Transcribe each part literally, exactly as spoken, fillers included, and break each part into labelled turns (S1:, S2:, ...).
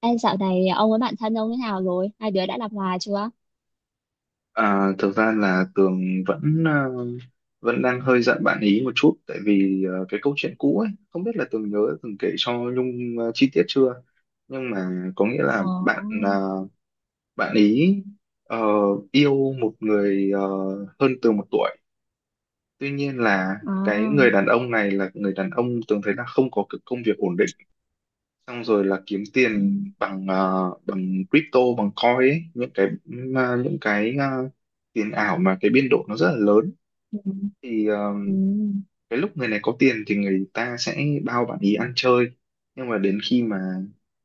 S1: Ê, dạo này ông với bạn thân ông thế nào rồi? Hai đứa đã làm hòa chưa?
S2: À, thực ra là Tường vẫn ờ, vẫn đang hơi giận bạn ý một chút, tại vì ờ, cái câu chuyện cũ ấy không biết là Tường nhớ từng kể cho Nhung ờ, chi tiết chưa. Nhưng mà có nghĩa
S1: Ồ,
S2: là bạn ờ, bạn ý ờ, yêu một người ờ, hơn Tường một tuổi. Tuy nhiên là cái
S1: à,
S2: người đàn ông này là người đàn ông Tường thấy là không có cái công việc ổn định, xong rồi là kiếm
S1: ừ,
S2: tiền bằng ờ, bằng crypto, bằng coin ấy, những cái những cái ờ, tiền ảo mà cái biên độ nó rất là lớn.
S1: ừ,
S2: Thì ờ,
S1: ừ,
S2: cái lúc người này có tiền thì người ta sẽ bao bạn ý ăn chơi, nhưng mà đến khi mà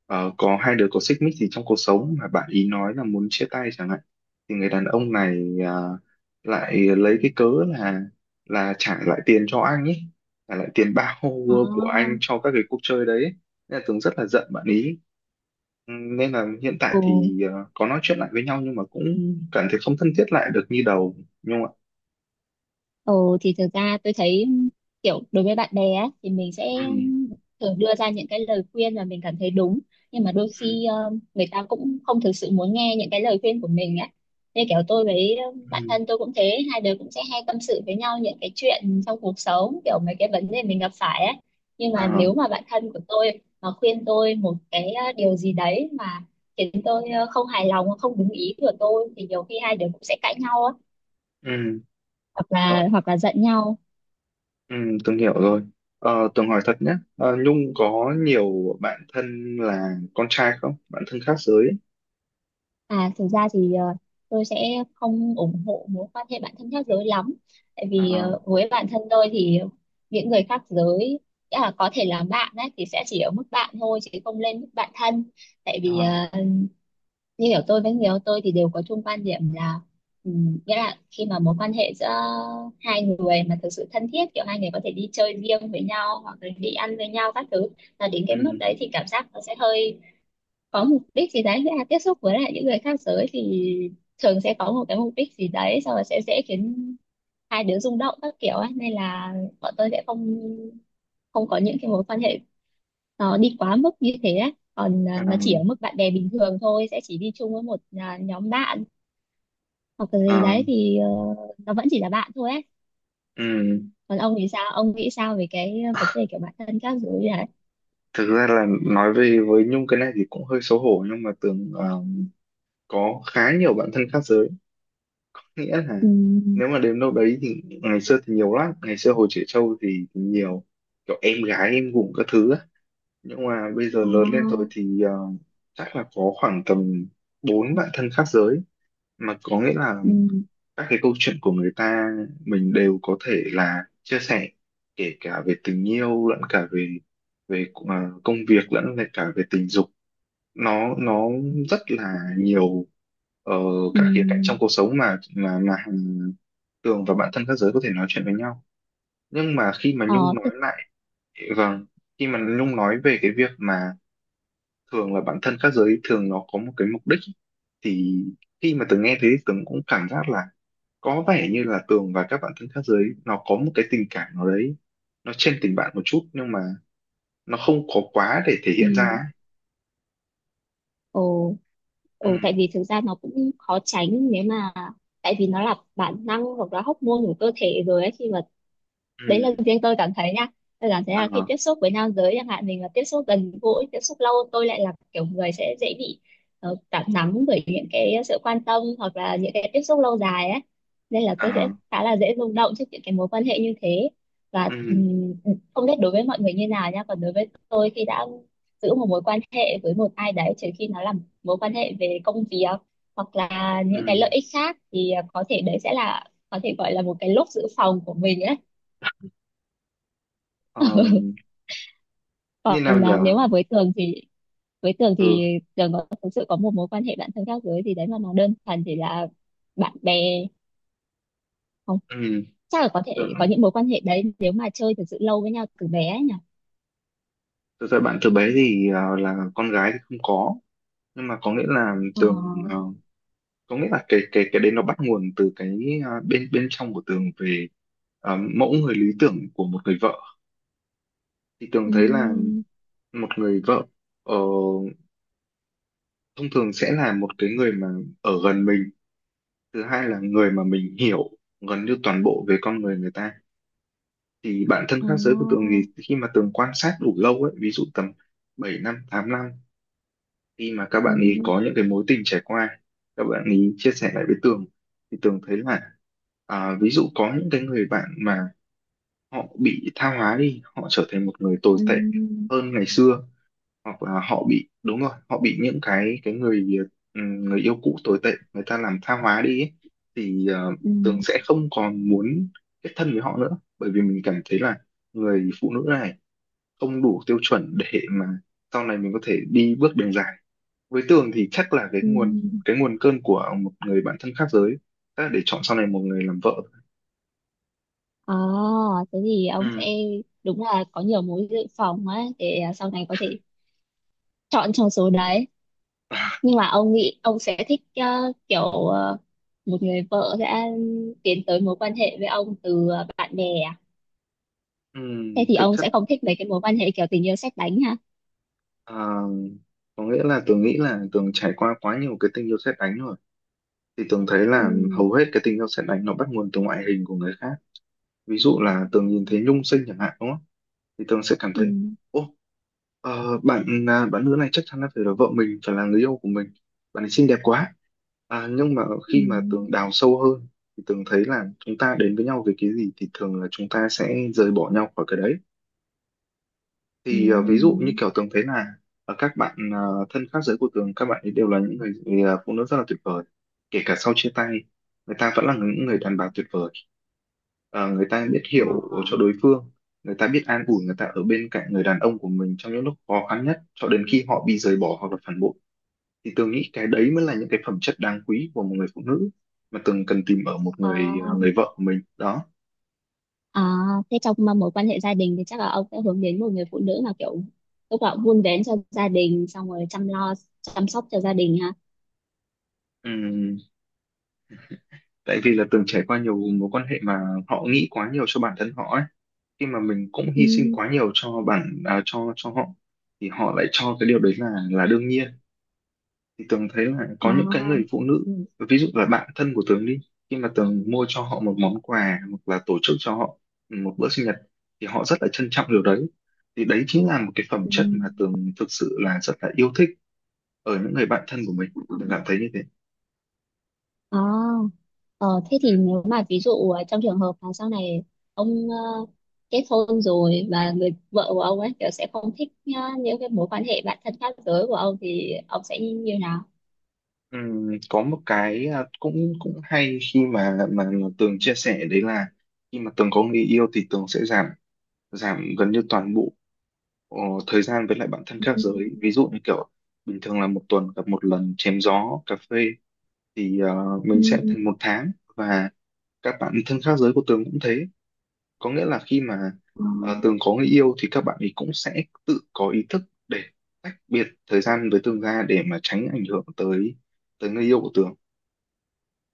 S2: ờ, có hai đứa có xích mích gì trong cuộc sống mà bạn ý nói là muốn chia tay chẳng hạn, thì người đàn ông này ờ, lại lấy cái cớ là là trả lại tiền cho anh ấy, trả lại tiền bao của anh
S1: à,
S2: cho các cái cuộc chơi đấy ấy. Nên là Tường rất là giận bạn ý. Ừ, nên là hiện tại
S1: ừ.
S2: thì ờ, có nói chuyện lại với nhau nhưng mà cũng cảm thấy không thân thiết lại được như đầu, nhưng mà
S1: Ừ, thì thực ra tôi thấy kiểu đối với bạn bè á, thì mình sẽ
S2: ừ,
S1: thường đưa ra những cái lời khuyên mà mình cảm thấy đúng, nhưng mà đôi
S2: ừ,
S1: khi ờ, người ta cũng không thực sự muốn nghe những cái lời khuyên của mình á, nên kiểu tôi với ờ, bạn
S2: ừ.
S1: thân tôi cũng thế, hai đứa cũng sẽ hay tâm sự với nhau những cái chuyện trong cuộc sống, kiểu mấy cái vấn đề mình gặp phải á. Nhưng mà
S2: À,
S1: nếu mà bạn thân của tôi mà khuyên tôi một cái ờ, điều gì đấy mà khiến tôi ờ, không hài lòng, không đúng ý của tôi, thì nhiều khi hai đứa cũng sẽ cãi nhau á,
S2: ừ,
S1: hoặc là
S2: ờ,
S1: hoặc là giận nhau.
S2: ừ, Tường hiểu rồi. Ờ, Tường hỏi thật nhé, ờ, Nhung có nhiều bạn thân là con trai không? Bạn thân khác giới ấy.
S1: À, thực ra thì ờ, tôi sẽ không ủng hộ mối quan hệ bạn thân khác giới lắm. Tại
S2: Ờ,
S1: vì ờ, với bản thân tôi thì những người khác giới, nghĩa là có thể là bạn đấy thì sẽ chỉ ở mức bạn thôi chứ không lên mức bạn thân. Tại
S2: ờ,
S1: vì ờ, như hiểu tôi với người yêu tôi thì đều có chung quan điểm là, ừm, nghĩa là khi mà mối quan hệ giữa hai người mà thực sự thân thiết, kiểu hai người có thể đi chơi riêng với nhau hoặc là đi ăn với nhau các thứ, là đến cái
S2: ừ,
S1: mức đấy thì cảm giác nó sẽ hơi có mục đích gì đấy, nghĩa là tiếp xúc với lại những người khác giới thì thường sẽ có một cái mục đích gì đấy, xong rồi sẽ dễ khiến hai đứa rung động các kiểu ấy, nên là bọn tôi sẽ không không có những cái mối quan hệ nó đi quá mức như thế ấy. Còn à,
S2: ờ,
S1: nó chỉ ở mức bạn bè bình thường thôi, sẽ chỉ đi chung với một à, nhóm bạn hoặc là gì
S2: ờ,
S1: đấy thì ờ, nó vẫn chỉ là bạn thôi ấy.
S2: ừ.
S1: Còn ông thì sao, ông nghĩ sao về cái vấn đề kiểu bản thân các giới đấy?
S2: Thực ra là nói về với Nhung cái này thì cũng hơi xấu hổ, nhưng mà Tường ờ, có khá nhiều bạn thân khác giới. Nghĩa
S1: Ừ,
S2: là nếu mà đến đâu đấy thì ngày xưa thì nhiều lắm, ngày xưa hồi trẻ trâu thì, thì nhiều kiểu em gái em gủng các thứ ấy. Nhưng mà bây giờ lớn lên rồi
S1: ờ,
S2: thì ờ, chắc là có khoảng tầm bốn bạn thân khác giới, mà có nghĩa là
S1: ừ,
S2: các cái câu chuyện của người ta mình đều có thể là chia sẻ, kể cả về tình yêu lẫn cả về về ờ, công việc lẫn về cả về tình dục, nó nó rất là nhiều ờ,
S1: ừ,
S2: các khía cạnh trong cuộc sống mà mà mà hàng Tường và bạn thân các giới có thể nói chuyện với nhau. Nhưng mà khi mà
S1: ờ,
S2: Nhung
S1: thế-
S2: nói lại, vâng, khi mà Nhung nói về cái việc mà thường là bản thân các giới thường nó có một cái mục đích, thì khi mà Tường nghe thế thì Tường cũng cảm giác là có vẻ như là Tường và các bạn thân khác giới nó có một cái tình cảm nào đấy, nó trên tình bạn một chút, nhưng mà nó không có quá để thể hiện ra ấy.
S1: ừ, ồ.
S2: Ừ,
S1: Ừ, tại vì thực ra nó cũng khó tránh, nếu mà tại vì nó là bản năng hoặc là hormone của cơ thể rồi ấy, khi mà đấy là
S2: ừ,
S1: riêng tôi cảm thấy nha, tôi cảm thấy là khi
S2: à,
S1: tiếp xúc với nam giới chẳng hạn, mình mà tiếp xúc gần gũi tiếp xúc lâu, tôi lại là kiểu người sẽ dễ bị ờ, cảm nắng bởi những cái sự quan tâm hoặc là những cái tiếp xúc lâu dài ấy, nên là tôi
S2: à,
S1: sẽ khá là dễ rung động trước những cái mối quan hệ như thế. Và
S2: ừ,
S1: ừm, không biết đối với mọi người như nào nha, còn đối với tôi khi đã giữ một mối quan hệ với một ai đấy, trừ khi nó là mối quan hệ về công việc hoặc là những
S2: ừ,
S1: cái lợi ích khác thì à, có thể đấy sẽ là có thể gọi là một cái lốp dự phòng của mình ấy.
S2: ờ, như
S1: Còn
S2: nào
S1: à,
S2: nhở?
S1: nếu mà với Tường thì với Tường
S2: Ừ,
S1: thì Tường có thực sự có một mối quan hệ bạn thân khác giới thì đấy mà nó đơn thuần chỉ là bạn bè, không,
S2: ừ.
S1: chắc là có thể có
S2: Tường-
S1: những mối quan hệ đấy nếu mà chơi thực sự lâu với nhau từ bé ấy nhỉ.
S2: Thực ra bạn từ bé thì ờ, là con gái thì không có, nhưng mà có nghĩa là
S1: Ờ,
S2: Tường ờ, có nghĩa là cái cái cái đấy nó bắt nguồn từ cái à, bên bên trong của Tường về à, mẫu người lý tưởng của một người vợ. Thì Tường thấy là
S1: ừ,
S2: một người vợ ờ, thông thường sẽ là một cái người mà ở gần mình, thứ hai là người mà mình hiểu gần như toàn bộ về con người người ta. Thì bản thân
S1: ờ,
S2: khác giới của Tường thì khi mà Tường quan sát đủ lâu ấy, ví dụ tầm bảy năm tám năm, khi mà các
S1: ừ,
S2: bạn ấy có những cái mối tình trải qua, các bạn ấy chia sẻ lại với Tường, thì Tường thấy là, à, ví dụ có những cái người bạn mà họ bị tha hóa đi, họ trở thành một người tồi tệ
S1: ừ,
S2: hơn ngày xưa, hoặc là họ bị đúng rồi họ bị những cái cái người ừm, người yêu cũ tồi tệ người ta làm tha hóa đi ấy. Thì ờ,
S1: ừ,
S2: Tường sẽ không còn muốn kết thân với họ nữa, bởi vì mình cảm thấy là người phụ nữ này không đủ tiêu chuẩn để mà sau này mình có thể đi bước đường dài. Với Tường thì chắc là cái
S1: ừ,
S2: nguồn cái nguồn cơn của một người bạn thân khác giới chắc là để chọn sau này một người làm vợ.
S1: ờ. Thế thì ông sẽ
S2: Ừm,
S1: đúng là có nhiều mối dự phòng ấy để à, sau này có thể chọn trong số đấy, nhưng mà ông nghĩ ông sẽ thích ờ, kiểu ờ, một người vợ sẽ tiến tới mối quan hệ với ông từ ờ, bạn bè à? Thế
S2: ừm,
S1: thì
S2: thực
S1: ông
S2: chất.
S1: sẽ không thích mấy cái mối quan hệ kiểu tình yêu sét đánh ha?
S2: À, có nghĩa là Tường nghĩ là Tường trải qua quá nhiều cái tình yêu sét đánh rồi, thì Tường thấy là
S1: Ừ,
S2: hầu hết cái tình yêu sét đánh nó bắt nguồn từ ngoại hình của người khác. Ví dụ là Tường nhìn thấy Nhung xinh chẳng hạn, đúng không, thì Tường sẽ cảm
S1: ừ,
S2: thấy, ô, ờ, bạn à, bạn nữ này chắc chắn là phải là vợ mình, phải là người yêu của mình, bạn ấy xinh đẹp quá. À, nhưng mà
S1: ừ,
S2: khi mà Tường đào sâu hơn thì Tường thấy là chúng ta đến với nhau về cái gì thì thường là chúng ta sẽ rời bỏ nhau khỏi cái đấy.
S1: ừ.
S2: Thì ờ, ví dụ như kiểu Tường thấy là ờ, các bạn ờ, thân khác giới của Tường, các bạn ấy đều là những người, người ờ, phụ nữ rất là tuyệt vời. Kể cả sau chia tay, người ta vẫn là những người đàn bà tuyệt vời. Ờ, người ta biết hiểu cho đối phương, người ta biết an ủi, người ta ở bên cạnh người đàn ông của mình trong những lúc khó khăn nhất, cho đến khi họ bị rời bỏ hoặc là phản bội. Thì Tường nghĩ cái đấy mới là những cái phẩm chất đáng quý của một người phụ nữ mà Tường cần tìm ở một
S1: Ờ,
S2: người ờ,
S1: à,
S2: người vợ của mình đó.
S1: à, thế trong mà mối quan hệ gia đình thì chắc là ông sẽ hướng đến một người phụ nữ mà kiểu lúc nào cũng vun vén cho gia đình, xong rồi chăm lo chăm sóc cho gia đình ha?
S2: Ừm, tại vì là Tường trải qua nhiều mối quan hệ mà họ nghĩ quá nhiều cho bản thân họ ấy, khi mà mình cũng
S1: Ừ,
S2: hy sinh quá nhiều cho bản à, cho cho họ, thì họ lại cho cái điều đấy là là đương nhiên. Thì Tường thấy là
S1: ờ,
S2: có những cái người phụ nữ, ví dụ là bạn thân của Tường đi, khi mà Tường mua cho họ một món quà hoặc là tổ chức cho họ một bữa sinh nhật, thì họ rất là trân trọng điều đấy. Thì đấy chính là một cái phẩm
S1: ừ,
S2: chất mà Tường thực sự là rất là yêu thích ở những người bạn thân của mình. Tường cảm thấy như thế.
S1: ờ. Ờ, thế thì nếu mà ví dụ ờ, trong trường hợp mà sau này ông ờ, kết hôn rồi và người vợ của ông ấy kiểu sẽ không thích ờ, những cái mối quan hệ bạn thân khác giới của ông, thì ông sẽ như nào?
S2: Ừm, có một cái, à, cũng cũng hay khi mà mà Tường chia sẻ đấy là, khi mà Tường có người yêu thì Tường sẽ giảm giảm gần như toàn bộ ờ, thời gian với lại bạn thân
S1: Ừ.
S2: khác giới. Ví dụ như kiểu bình thường là một tuần gặp một lần chém gió cà phê, thì ờ,
S1: Ừ.
S2: mình sẽ thành một tháng. Và các bạn thân khác giới của Tường cũng thế, có nghĩa là khi mà
S1: Ờ.
S2: ờ, Tường có người yêu thì các bạn ấy cũng sẽ tự có ý thức để tách biệt thời gian với Tường ra, để mà tránh ảnh hưởng tới tới người yêu của Tường.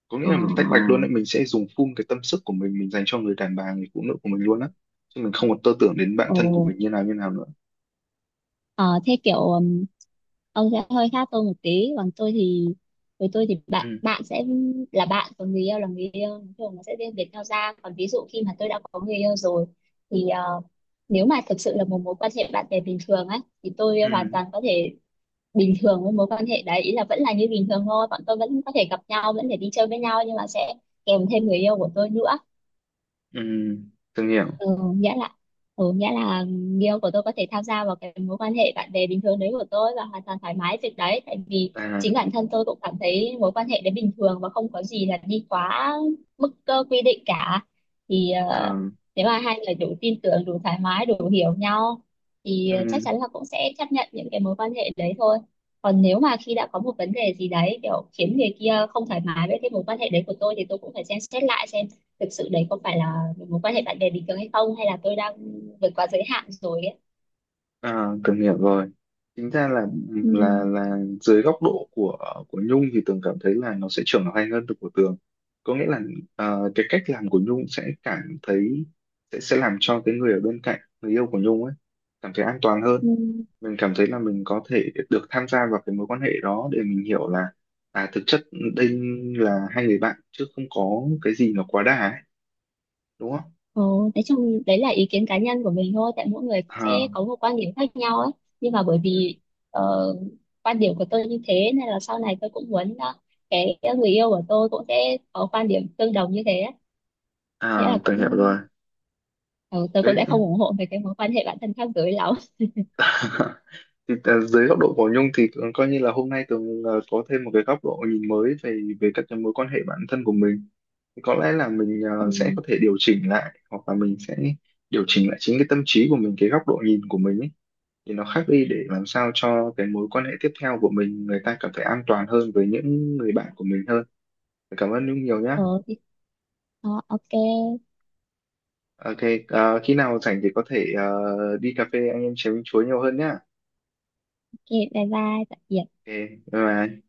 S2: Có nghĩa
S1: Ờ.
S2: là mình tách bạch luôn đấy, mình sẽ dùng full cái tâm sức của mình mình dành cho người đàn bà, người phụ nữ của mình luôn á, chứ mình không còn tơ tưởng đến bạn
S1: Ồ.
S2: thân của mình như nào như nào nữa.
S1: Ờ, thế kiểu ừm, ông sẽ hơi khác tôi một tí, còn tôi thì với tôi thì
S2: Ừ,
S1: bạn bạn sẽ là bạn, còn người yêu là người yêu, nói chung nó sẽ riêng biệt nhau ra. Còn ví dụ khi mà tôi đã có người yêu rồi thì ờ, nếu mà thực sự là một mối quan hệ bạn bè bình thường á thì tôi hoàn
S2: ừ,
S1: toàn có thể bình thường với mối quan hệ đấy, ý là vẫn là như bình thường thôi, bọn tôi vẫn có thể gặp nhau, vẫn thể đi chơi với nhau, nhưng mà sẽ kèm thêm người yêu của tôi nữa.
S2: ừ, từng hiểu.
S1: Ừ, nghĩa là ừ, nghĩa là người yêu của tôi có thể tham gia vào cái mối quan hệ bạn bè bình thường đấy của tôi và hoàn toàn thoải mái việc đấy, tại vì
S2: À,
S1: chính bản thân tôi cũng cảm thấy mối quan hệ đấy bình thường và không có gì là đi quá mức cơ quy định cả. Thì
S2: à,
S1: ờ, nếu mà hai người đủ tin tưởng, đủ thoải mái, đủ hiểu nhau thì chắc
S2: ừ,
S1: chắn là cũng sẽ chấp nhận những cái mối quan hệ đấy thôi. Còn nếu mà khi đã có một vấn đề gì đấy kiểu khiến người kia không thoải mái với cái mối quan hệ đấy của tôi, thì tôi cũng phải xem xét lại xem thực sự đấy có phải là mối quan hệ bạn bè bình thường hay không, hay là tôi đang vượt quá giới hạn rồi ấy.
S2: à, từng hiểu rồi. Chính ra là
S1: Ừ.
S2: là là dưới góc độ của của Nhung thì Tường cảm thấy là nó sẽ trưởng thành hơn được của Tường. Có nghĩa là ờ, cái cách làm của Nhung sẽ cảm thấy, sẽ sẽ làm cho cái người ở bên cạnh người yêu của Nhung ấy cảm thấy an toàn hơn.
S1: Ừ.
S2: Mình cảm thấy là mình có thể được tham gia vào cái mối quan hệ đó, để mình hiểu là, à, thực chất đây là hai người bạn chứ không có cái gì nó quá đà ấy, đúng không?
S1: Ồ, nói chung đấy là ý kiến cá nhân của mình thôi, tại mỗi người cũng sẽ
S2: À.
S1: có một quan điểm khác nhau ấy, nhưng mà bởi vì ờ, quan điểm của tôi như thế nên là sau này tôi cũng muốn ờ, cái người yêu của tôi cũng sẽ có quan điểm tương đồng như thế ấy. Nghĩa
S2: À,
S1: là
S2: Tường hiểu
S1: cũng
S2: rồi.
S1: ờ, tôi
S2: Đấy
S1: cũng sẽ không
S2: cũng
S1: ủng hộ về cái mối quan hệ bản thân khác giới lắm.
S2: thì, à, dưới góc độ của Nhung thì cũng coi như là hôm nay Tường à, có thêm một cái góc độ nhìn mới về về các cái mối quan hệ bản thân của mình. Thì có lẽ là mình à,
S1: Ừ.
S2: sẽ có thể điều chỉnh lại, hoặc là mình sẽ điều chỉnh lại chính cái tâm trí của mình, cái góc độ nhìn của mình ấy. Thì nó khác đi để làm sao cho cái mối quan hệ tiếp theo của mình, người ta cảm thấy an toàn hơn với những người bạn của mình hơn. Cảm ơn Nhung nhiều nhá.
S1: ờ, thì- ờ, ok.
S2: Ok, à, khi nào rảnh thì có thể à, đi cà phê anh em chém chuối nhiều hơn nhá.
S1: Ok, bye bye, tạm biệt.
S2: Ok, bye bye.